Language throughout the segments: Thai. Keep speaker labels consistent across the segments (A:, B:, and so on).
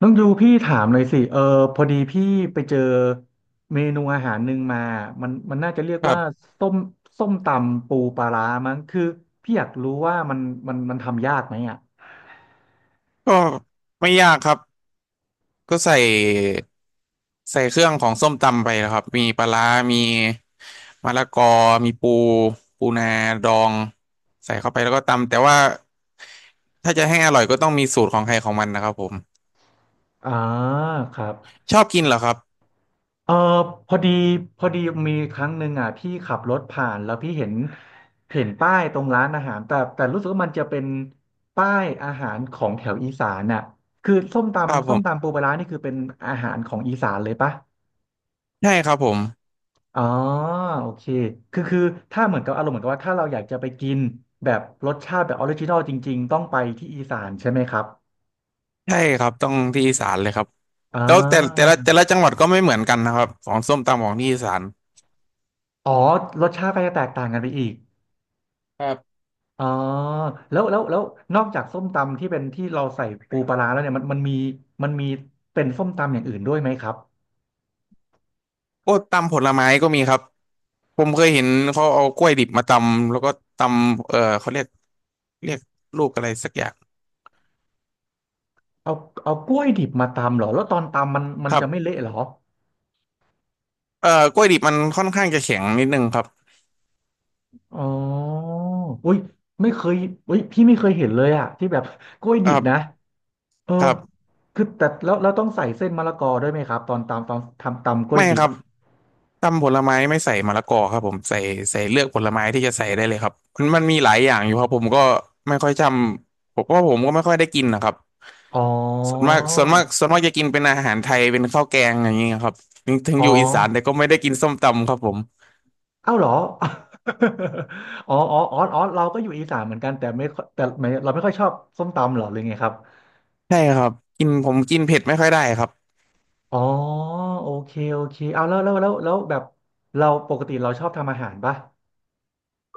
A: น้องยูพี่ถามเลยสิพอดีพี่ไปเจอเมนูอาหารหนึ่งมามันน่าจะเรียก
B: ครั
A: ว่า
B: บ
A: ส้มส้มตำปูปลาร้ามั้งคือพี่อยากรู้ว่ามันทำยากไหมอ่ะ
B: ก็ไม่ยากครับก็ใส่เครื่องของส้มตำไปนะครับมีปลาร้ามีมะละกอมีปูนาดองใส่เข้าไปแล้วก็ตำแต่ว่าถ้าจะให้อร่อยก็ต้องมีสูตรของใครของมันนะครับผม
A: อ่าครับ
B: ชอบกินเหรอครับ
A: เออพอดีพอดีมีครั้งหนึ่งอ่ะพี่ขับรถผ่านแล้วพี่เห็นป้ายตรงร้านอาหารแต่รู้สึกว่ามันจะเป็นป้ายอาหารของแถวอีสานน่ะคือส้ม
B: ครับ
A: ตำ
B: ผ
A: ส้ม
B: ม
A: ตำปูปลาร้านี่คือเป็นอาหารของอีสานเลยปะ
B: ใช่ครับผม
A: อ๋อโอเคคือถ้าเหมือนกับอารมณ์เหมือนกับว่าถ้าเราอยากจะไปกินแบบรสชาติแบบออริจินอลจริงๆต้องไปที่อีสานใช่ไหมครับ
B: ใช่ครับต้องที่อีสานเลยครับ
A: อ๋อ
B: แล้วแต่แต่ละจังหวัดก็ไม่เหมือนกันนะครับของส้มตำของที่อีสาน
A: อ๋อรสชาติก็จะแตกต่างกันไปอีก
B: ครับ
A: อ๋อแล้วนอกจากส้มตำที่เป็นที่เราใส่ปูปลาร้าแล้วเนี่ยมันมีเป็นส้มตำอย่างอื่นด้วยไหมครับ
B: ก็ตำผลไม้ก็มีครับ ผมเคยเห็นเขาเอากล้วยดิบมาตำแล้วก็ตำเขาเรียกเรียกลูกอะไรสักอย่าง
A: เอาเอากล้วยดิบมาตำเหรอแล้วตอนตำมัน
B: ครั
A: จะไม่
B: บ
A: เละเหรอ
B: กล้วยดิบมันค่อนข้างจะแข็งนิดนึงครับ
A: อ๋ออุ้ยไม่เคยอุ้ยพี่ไม่เคยเห็นเลยอะที่แบบ กล้วย
B: ค
A: ดิ
B: รั
A: บนะ
B: บ
A: เออ
B: ครับ
A: คือแต่แล้วต้องใส่เส้นมะละกอด้วยไหมครับตอนตำตอนทำตำกล้วย
B: ไม่
A: ดิ
B: ค
A: บ
B: รับ
A: อ่ะ
B: ตำผลไม้ไม่ใส่มะละกอครับผมใส่เลือกผลไม้ที่จะใส่ได้เลยครับมันมีหลายอย่างอยู่ครับผมก็ไม่ค่อยจำผมว่าผมก็ไม่ค่อยได้กินนะครับ
A: อ๋อ
B: ส่วนมากจะกินเป็นอาหารไทยเป็นข้าวแกงอย่างเงี้ยครับถึง
A: อ๋
B: อ
A: อ
B: ยู่อีสานแต่ก็ไม่ได้กินส้มตำครับผม
A: เอ้าเหรอ อ๋อ อ๋อ อ๋อ อ๋อ เราก็อยู่อีสานเหมือนกันแต่ไม่ค่อยแต่ไม่เราไม่ค่อยชอบส้มตำเหรอหรือไงครับ
B: ใช่ครับกินผมกินเผ็ดไม่ค่อยได้ครับ
A: อ๋อ โอเคเอาแล้วแบบเราปกติเราชอบทำอาหารปะ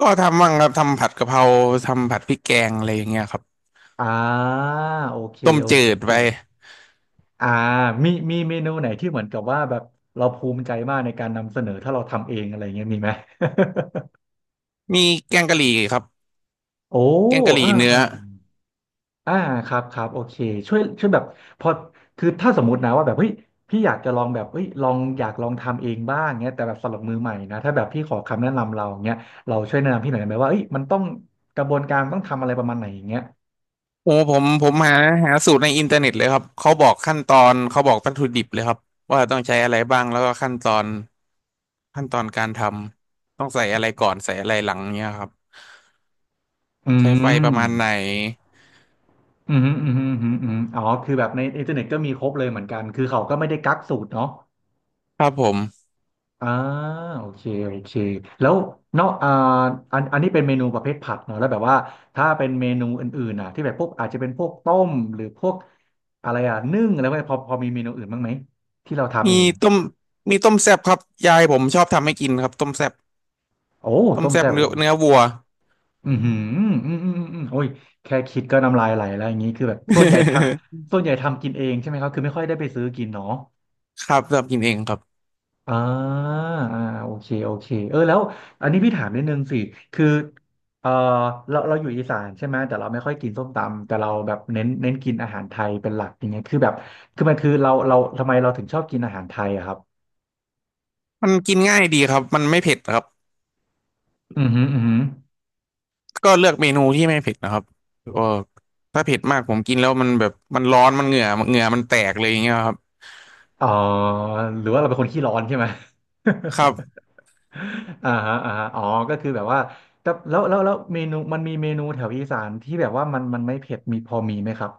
B: ก็ทำบ้างครับทำผัดกะเพราทำผัดพริกแกงอะไรอย่างเงี้ยครับ
A: อ่าโอเค
B: ต้ม
A: โอ
B: จื
A: เค
B: ดไป
A: อ่ามีเมนูไหนที่เหมือนกับว่าแบบเราภูมิใจมากในการนำเสนอถ้าเราทำเองอะไรเงี้ยมีไหม
B: มีแกงกะหรี่ครับ
A: โอ้
B: แกงกะหรี่
A: อ่า
B: เนื้อ
A: อ่าอ่าครับโอเคช่วยแบบพอคือถ้าสมมตินะว่าแบบเฮ้ยพี่อยากจะลองแบบเฮ้ยลองอยากลองทำเองบ้างเงี้ยแต่แบบสำหรับมือใหม่นะถ้าแบบพี่ขอคำแนะนำเราเงี้ยเราช่วยแนะนำพี่หน่อยได้ไหมว่าเฮ้ยมันต้องกระบวนการต้องทำอะไรประมาณไหนอย่างเงี้ย
B: โอ้ผมหาสูตรในอินเทอร์เน็ตเลยครับเขาบอกขั้นตอนเขาบอกวัตถุดิบเลยครับว่าต้องใช้อะไรบ้างแล้วก็ขั้นตอนการทำต้องใส่อะไรก่อนใส่อะไรหลังเนี้ยครับ
A: อื
B: ใช้ไฟประ
A: ม
B: มาณไหน
A: อืมฮึอืมฮึอืมฮึอืมอ๋อคือแบบในอินเทอร์เน็ตก็มีครบเลยเหมือนกันคือเขาก็ไม่ได้กักสูตรเนาะ
B: ครับผม
A: อ่าโอเคแล้วเนาะอ่าอันนี้เป็นเมนูประเภทผัดเนาะแล้วแบบว่าถ้าเป็นเมนูอื่นๆอ่ะที่แบบพวกอาจจะเป็นพวกต้มหรือพวกอะไรอ่ะนึ่งอะไรพวกนี้พอมีเมนูอื่นบ้างไหมที่เราทำ
B: มี
A: เอง
B: ต้มต้มแซ่บครับยายผมชอบทำให้กินครับต้มแซ่บ
A: โอ้
B: ต้ม
A: ต้ม
B: แซ่บ
A: แซ่บ
B: เนื้อ
A: โอ้
B: วัว
A: อือหือโอ้ยแค่คิดก็น้ำลายไหลแล้วอย่างนี้คือแบบส่วนใหญ่ทำ ส่วนใหญ่ทำกินเองใช่ไหมครับคือไม่ค่อยได้ไปซื้อกินเนาะ
B: ครับชอบกินเองครับ
A: อ่าอ่าโอเคเออแล้วอันนี้พี่ถามนิดนึงสิคือเออเราอยู่อีสานใช่ไหมแต่เราไม่ค่อยกินส้มตำแต่เราแบบเน้นกินอาหารไทยเป็นหลักอย่างเงี้ยคือแบบคือมันคือเราทำไมเราถึงชอบกินอาหารไทยอะครับ
B: มันกินง่ายดีครับมันไม่เผ็ดครับ
A: อือหืออือหือ
B: ก็เลือกเมนูที่ไม่เผ็ดนะครับก็ถ้าเผ็ดมากผมกินแล้วมันแบบมันร้อนมันเหงื่อมันแตกเลยอย่างเงี้ยครับ
A: อ๋อหรือว่าเราเป็นคนขี้ร้อนใช่ไหม
B: ครับ
A: อ่าฮะอ๋อก็คือแบบว่าแต่แล้วเมนูมันมีเมนูแถวอีสานที่แบบว่ามันไม่เผ็ดมีพอมีไหมครับ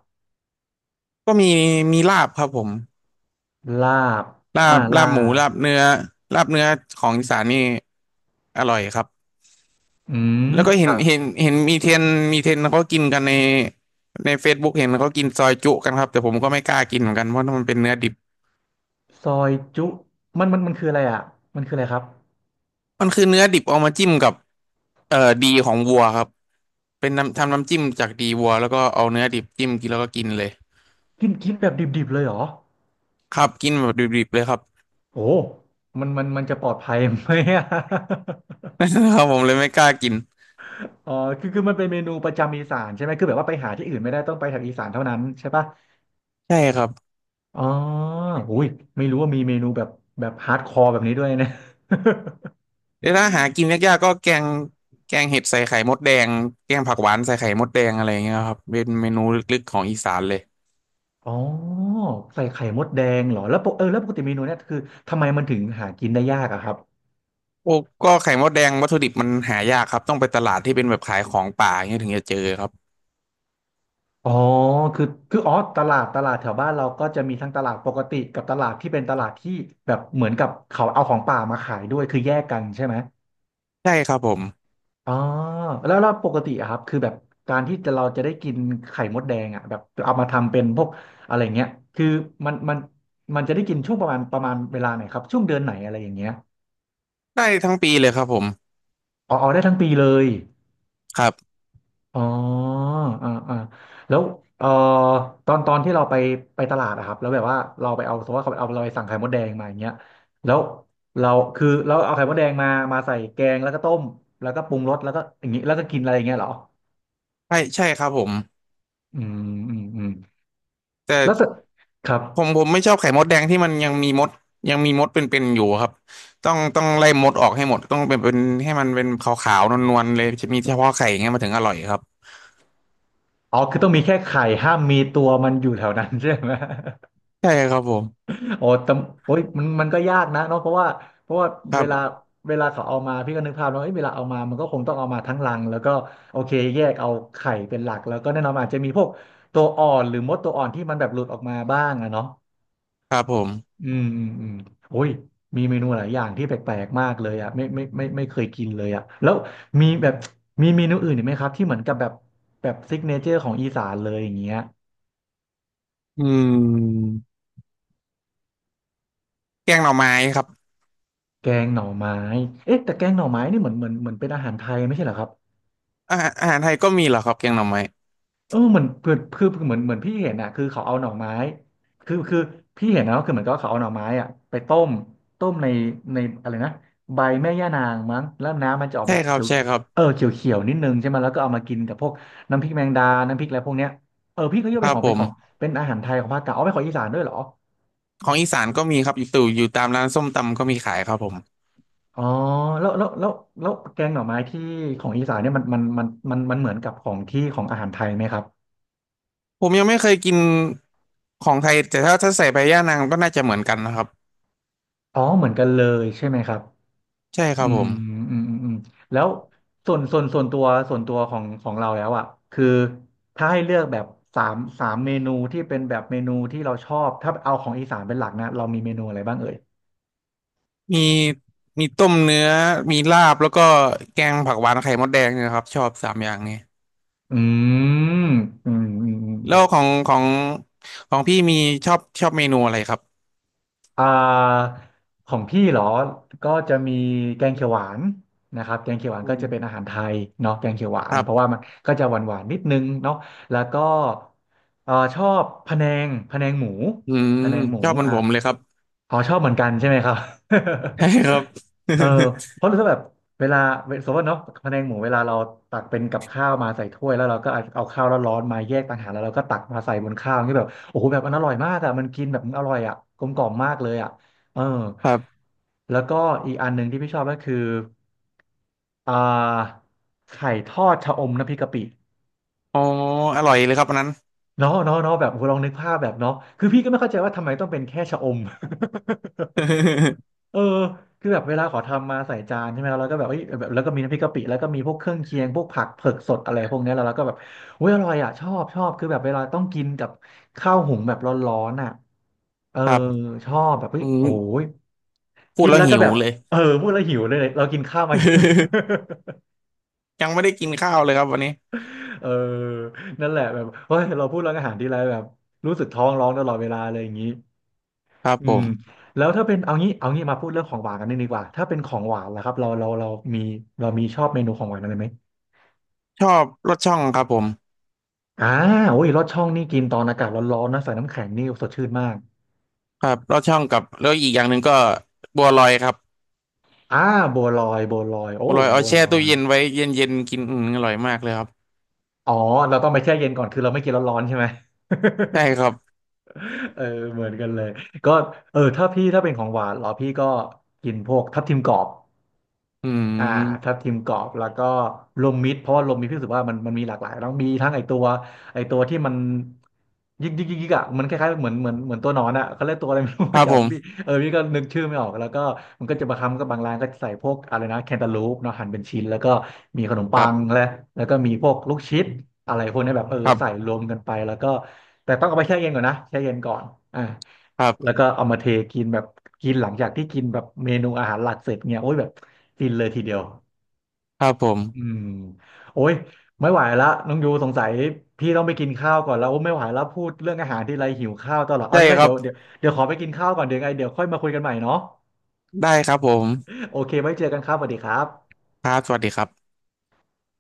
B: ก็มีมีลาบครับผม
A: ลาบ
B: ลา
A: อ่า
B: บ
A: ลา
B: ลาบหมูลาบ
A: บ
B: เนื้อลาบเนื้อของอีสานนี่อร่อยครับ
A: อืม
B: แล้วก็เห็นมีเทรนด์เขากินกันในFacebook เห็นเขากินซอยจุกันครับแต่ผมก็ไม่กล้ากินเหมือนกันเพราะมันเป็นเนื้อดิบ
A: ซอยจุมันคืออะไรอ่ะมันคืออะไรครับ
B: มันคือเนื้อดิบเอามาจิ้มกับเอ่อดีของวัวครับ เป็นน้ำทำน้ำจิ้มจากดีวัวแล้วก็เอาเนื้อดิบจิ้มกินแล้วก็กินเลย
A: กินกินแบบดิบๆเลยเหรอ
B: ครับกินแบบดิบๆเลยครับ
A: โอ้มันจะปลอดภัยไหมอะ
B: ครับผมเลยไม่กล้ากิน
A: อ๋อคือมันเป็นเมนูประจำอีสานใช่ไหมคือแบบว่าไปหาที่อื่นไม่ได้ต้องไปทางอีสานเท่านั้นใช่ปะ
B: ใช่ครับ
A: อ๋ออุ้ยไม่รู้ว่ามีเมนูแบบแบบฮาร์ดคอร์แบบนี้ด้วยนะ
B: เดี๋ยวถ้าหากินยากๆก็แกงเห็ดใส่ไข่มดแดงแกงผักหวานใส่ไข่มดแดงอะไรอย่างเงี้ยครับเป็นเมนูลึกๆของอีสานเลย
A: อ๋อใส่ไข่มดแดงเหรอ แล้วปกแล้วปกติเมนูเนี่ยคือทำไมมันถึงหากินได้ยากอะครับ
B: โอ้ก็ไข่มดแดงวัตถุดิบมันหายากครับต้องไปตลาดที่เป็นแบบขายของป่าอย่างเงี้ยถึงจะเจอครับ
A: อ๋อคือคืออ๋อตลาดแถวบ้านเราก็จะมีทั้งตลาดปกติกับตลาดที่เป็นตลาดที่แบบเหมือนกับเขาเอาของป่ามาขายด้วย คือแยกกันใช่ไหม
B: ใช่ครับผม
A: อ๋อแล้วปกติอะครับคือแบบการที่จะเราจะได้กินไข่มดแดงอะแบบเอามาทำเป็นพวกอะไรเงี้ยคือมันมันมันจะได้กินช่วงประมาณเวลาไหนครับช่วงเดือนไหนอะไรอย่างเงี้ย
B: ได้ทั้งปีเลยครับผม
A: อ๋อได้ทั้งปีเลย
B: ครับ
A: อ๋ออ่าอ่าแล้วเอ่อตอนที่เราไปไปตลาดอะครับแล้วแบบว่าเราไปเอาสมมติว่าเขาเอาเราไปสั่งไข่มดแดงมาอย่างเงี้ยแล้วเราคือเราเอาไข่มดแดงมามาใส่แกงแล้วก็ต้มแล้วก็ปรุงรสแล้วก็อย่างงี้แล้วก็กินอะไรอย่างเงี้ยเหรอ
B: ใช่ครับผม
A: อืมอืมอืม
B: แต่
A: แล้วเสร็จครับ
B: ผมไม่ชอบไข่มดแดงที่มันยังมีมดเป็นๆอยู่ครับต้องไล่มดออกให้หมดต้องเป็นให้มันเป็นขาวๆนวลๆเลยจะมีเฉพาะไข่อย่างเงี้ยมันถึงอร่อยครับ
A: อ๋อคือต้องมีแค่ไข่ห้ามมีตัวมันอยู่แถวนั้น ใช่ไหม
B: ใช่ครับผม
A: โอ้แต่โอ้ยมันมันก็ยากนะเนาะเพราะว่า
B: ค
A: เว
B: รั
A: ลา
B: บ
A: เวลาเขาเอามาพี่ก็นึกภาพแล้วเอ้ยเวลาเอามามันก็คงต้องเอามาทั้งรัง แล้วก็โอเคแยกเอาไข่เป็นหลัก แล้วก็แน่นอนมันอาจจะมีพวกตัวอ่อนหรือมดตัวอ่อนที่มันแบบหลุดออกมาบ้างอะเนาะ
B: ครับผม
A: อืมอืมอืมโอ้ยมีเมนูหลายอย่างที่แปลกๆ มากเลยอะไม่เคยกินเลยอะแล้วมีแบบมีเมนูอื่นอีกไหมครับที่เหมือนกับแบบแบบซิกเนเจอร์ของอีสานเลยอย่างเงี้ย
B: อืมแกงหน่อไม้ครับ
A: แกงหน่อไม้เอ๊ะแต่แกงหน่อไม้นี่เหมือนเป็นอาหารไทยไม่ใช่เหรอครับ
B: อาหารไทยก็มีเหรอครับแกงหน่อไม้
A: เออเหมือนเือนคือเหมือนพี่เห็นอ่ะคือเขาเอาหน่อไม้คือพี่เห็นนะก็คือเหมือนกับว่าเขาเอาหน่อไม้อ่ะไปต้มต้มในอะไรนะใบแม่ย่านางมั้งแล้วน้ำมันจะออก
B: ใช่
A: แบบ
B: ครั
A: เขี
B: บ
A: ยว
B: ใช่ครับ
A: เออเขียวเขียวนิดนึงใช่ไหมแล้วก็เอามากินกับพวกน้ำพริกแมงดาน้ำพริกอะไรพวกเนี้ยเออพี่ก็ยก
B: ค
A: เป็น
B: รับ
A: ของ
B: ผม
A: เป็นอาหารไทยของภาคกลางเอาไปนของอีสานด้วยเหรอ
B: ของอีสานก็มีครับอยู่ตู่อยู่ตามร้านส้มตำก็มีขายครับผม
A: อ๋อแล้วแล้วแกงหน่อไม้ที่ของอีสานเนี่ยมันเหมือนกับของที่ของอาหารไทยไหมครับ
B: ผมยังไม่เคยกินของไทยแต่ถ้าใส่ใบย่านางก็น่าจะเหมือนกันนะครับ
A: อ๋อเหมือนกันเลยใช่ไหมครับ
B: ใช่ค
A: อื
B: รับผ
A: ม
B: ม
A: อืมอืมอืมแล้วส่วนตัวส่วนตัวของของเราแล้วอ่ะคือถ้าให้เลือกแบบสามเมนูที่เป็นแบบเมนูที่เราชอบถ้าเอาของอีสานเป็นหลักนะเรามีเมนูอะไรบ้างเอ่ย
B: มีมีต้มเนื้อมีลาบแล้วก็แกงผักหวานไข่มดแดงเนี่ยครับชอบ3 อย่างนี้
A: อืมอืมอืมอืมโอ
B: แล้วของพี่มีชอบเมนูอะไรครับ
A: อ่าของพี่เหรอก็จะมีแกงเขียวหวานนะครับแกงเขียวหวาน
B: อื
A: ก็จะเป็นอา
B: ม
A: หารไทยเนาะแกงเขียวหวา
B: ค
A: น
B: รั
A: เพราะว่า
B: บ
A: มันก็จะหวานหวานนิดนึงเนาะแล้วก็ชอบพะแนงหมู
B: อืม
A: พะแนงหมู
B: ชอบเหมือน
A: อ่ะ
B: ผมเลยครับ
A: อ๋อชอบเหมือนกันใช่ไหมครับ
B: ใช่ครับ
A: เออเพราะถ้าแบบเวลาสมมติว่าเนาะพะแนงหมูเวลาเราตักเป็นกับข้าวมาใส่ถ้วยแล้วเราก็เอาข้าวร้อนๆมาแยกต่างหากแล้วเราก็ตักมาใส่บนข้าวอย่างนี่แบบโอ้โหแบบมันอร่อยมากอ่ะมันกินแบบมันอร่อยอะกลมกล่อมมากเลยอะเออ
B: ครับ
A: แล้วก็อีกอันหนึ่งที่พี่ชอบก็คืออ่าไข่ทอดชะอมน้ำพริกกะปิ
B: อ๋ออร่อยเลยครับอันนั้น
A: เนาะเนาะเนาะแบบโอ้โหลองนึกภาพแบบเนาะคือพี่ก็ไม่เข้าใจว่าทำไมต้องเป็นแค่ชะอม เออคือแบบเวลาขอทำมาใส่จานใช่ไหมแล้วเราก็แบบเอ้ยแบบแล้วก็มีน้ำพริกกะปิแล้วก็มีพวกเครื่องเคียงพวกผักเผือกสดอะไรพวกเนี้ยแล้วเราก็แบบอุ้ยอร่อยอ่ะชอบชอบคือแบบเวลาต้องกินกับข้าวหุงแบบร้อนๆอ่ะเออ
B: ครับ
A: ชอบแบบเฮ้
B: อื
A: ย
B: ม
A: โอ้ย
B: พู
A: คิ
B: ด
A: ด
B: แล้ว
A: แล้วก็
B: หิว
A: แบบ
B: เลย
A: เออพูดแล้วหิวเลยเนี่ยเรากินข้าวมายัง
B: ยังไม่ได้กินข้าวเลยครับวันนี้
A: เออนั่นแหละแบบเฮ้ยเราพูดเรื่องอาหารทีไรแบบรู้สึกท้องร้องตลอดเวลาเลยอย่างนี้
B: ครับ
A: อื
B: ผ
A: ม
B: ม
A: แล้วถ้าเป็นเอางี้เอางี้มาพูดเรื่องของหวานกันนิดดีกว่าถ้าเป็นของหวานล่ะครับเรามีเรามีชอบเมนูของหวานอะไรไหม
B: ชอบลอดช่องครับผม
A: อ่าโอ้ยลอดช่องนี่กินตอนอากาศร้อนๆนะใส่น้ำแข็งนี่สดชื่นมาก
B: ครับลอดช่องกับแล้วอีกอย่างหนึ่งก็บัวลอยครับ
A: อ่าบัวลอยโอ้
B: บัวลอยเอา
A: บัว
B: แช่
A: ลอ
B: ตู้
A: ย
B: เย็นไว้เย็นๆกินอืมอร่อยมากเลยครับ
A: อ๋อเราต้องไปแช่เย็นก่อนคือเราไม่กินร้อนๆใช่ไหม
B: ใช่ครับ
A: เออเหมือนกันเลยก็เออถ้าพี่ถ้าเป็นของหวานเหรอพี่ก็กินพวกทับทิมกรอบ
B: อื
A: อ่าทับ
B: ม
A: ทิมกรอบแล้วก็ลมมิตรเพราะว่าลมมิตรพี่รู้สึกว่ามันมีหลากหลายต้องมีทั้งไอตัวไอตัวที่มันยิกยิกอ่ะมันคล้ายๆเหมือนตัวหนอนอ่ะเขาเรียกตัวอะไร ไม่รู้
B: ครับ ผ
A: จำพี่
B: ม
A: เออพี่ก็นึกชื่อไม่ออกแล้วก็มันก็จะมาคำก็บางร้านก็ใส่พวกอะไรนะแคนตาลูปเนาะหั่นเป็นชิ้นแล้วก็มีขนม
B: ค
A: ปั
B: รั
A: ง
B: บ
A: และแล้วก็มีพวกลูกชิดอะไรพวกเนี้ยแบบเออ
B: ครั
A: ใส่
B: บ
A: รวมกันไปแล้วก็แต่ต้องเอาไปแช่เย็นก่อนนะแช่เย็นก่อนอ่า
B: ครั
A: แล้ว
B: บ
A: ก็เอามาเทกินแบบกินหลังจากที่กินแบบเมนูอาหารหลักเสร็จเนี่ยโอ้ยแบบฟินเลยทีเดียว
B: ครับผม
A: อืมโอ้ยไม่ไหวละน้องยูสงสัยพี่ต้องไปกินข้าวก่อนแล้วโอ้ไม่ไหวแล้วพูดเรื่องอาหารที่ไรหิวข้าวตลอดเอา
B: ได้
A: งี้ไหม
B: ครั
A: เดี๋
B: บ
A: ยวเดี๋ยวเดี๋ยวขอไปกินข้าวก่อนเดี๋ยวไงเดี๋ยวค่อยมาคุยกันใหม่เนาะ
B: ได้ครับผม
A: โอเคไว้เจอกันครับสวัสดีครับ
B: ครับสวัสดีครับ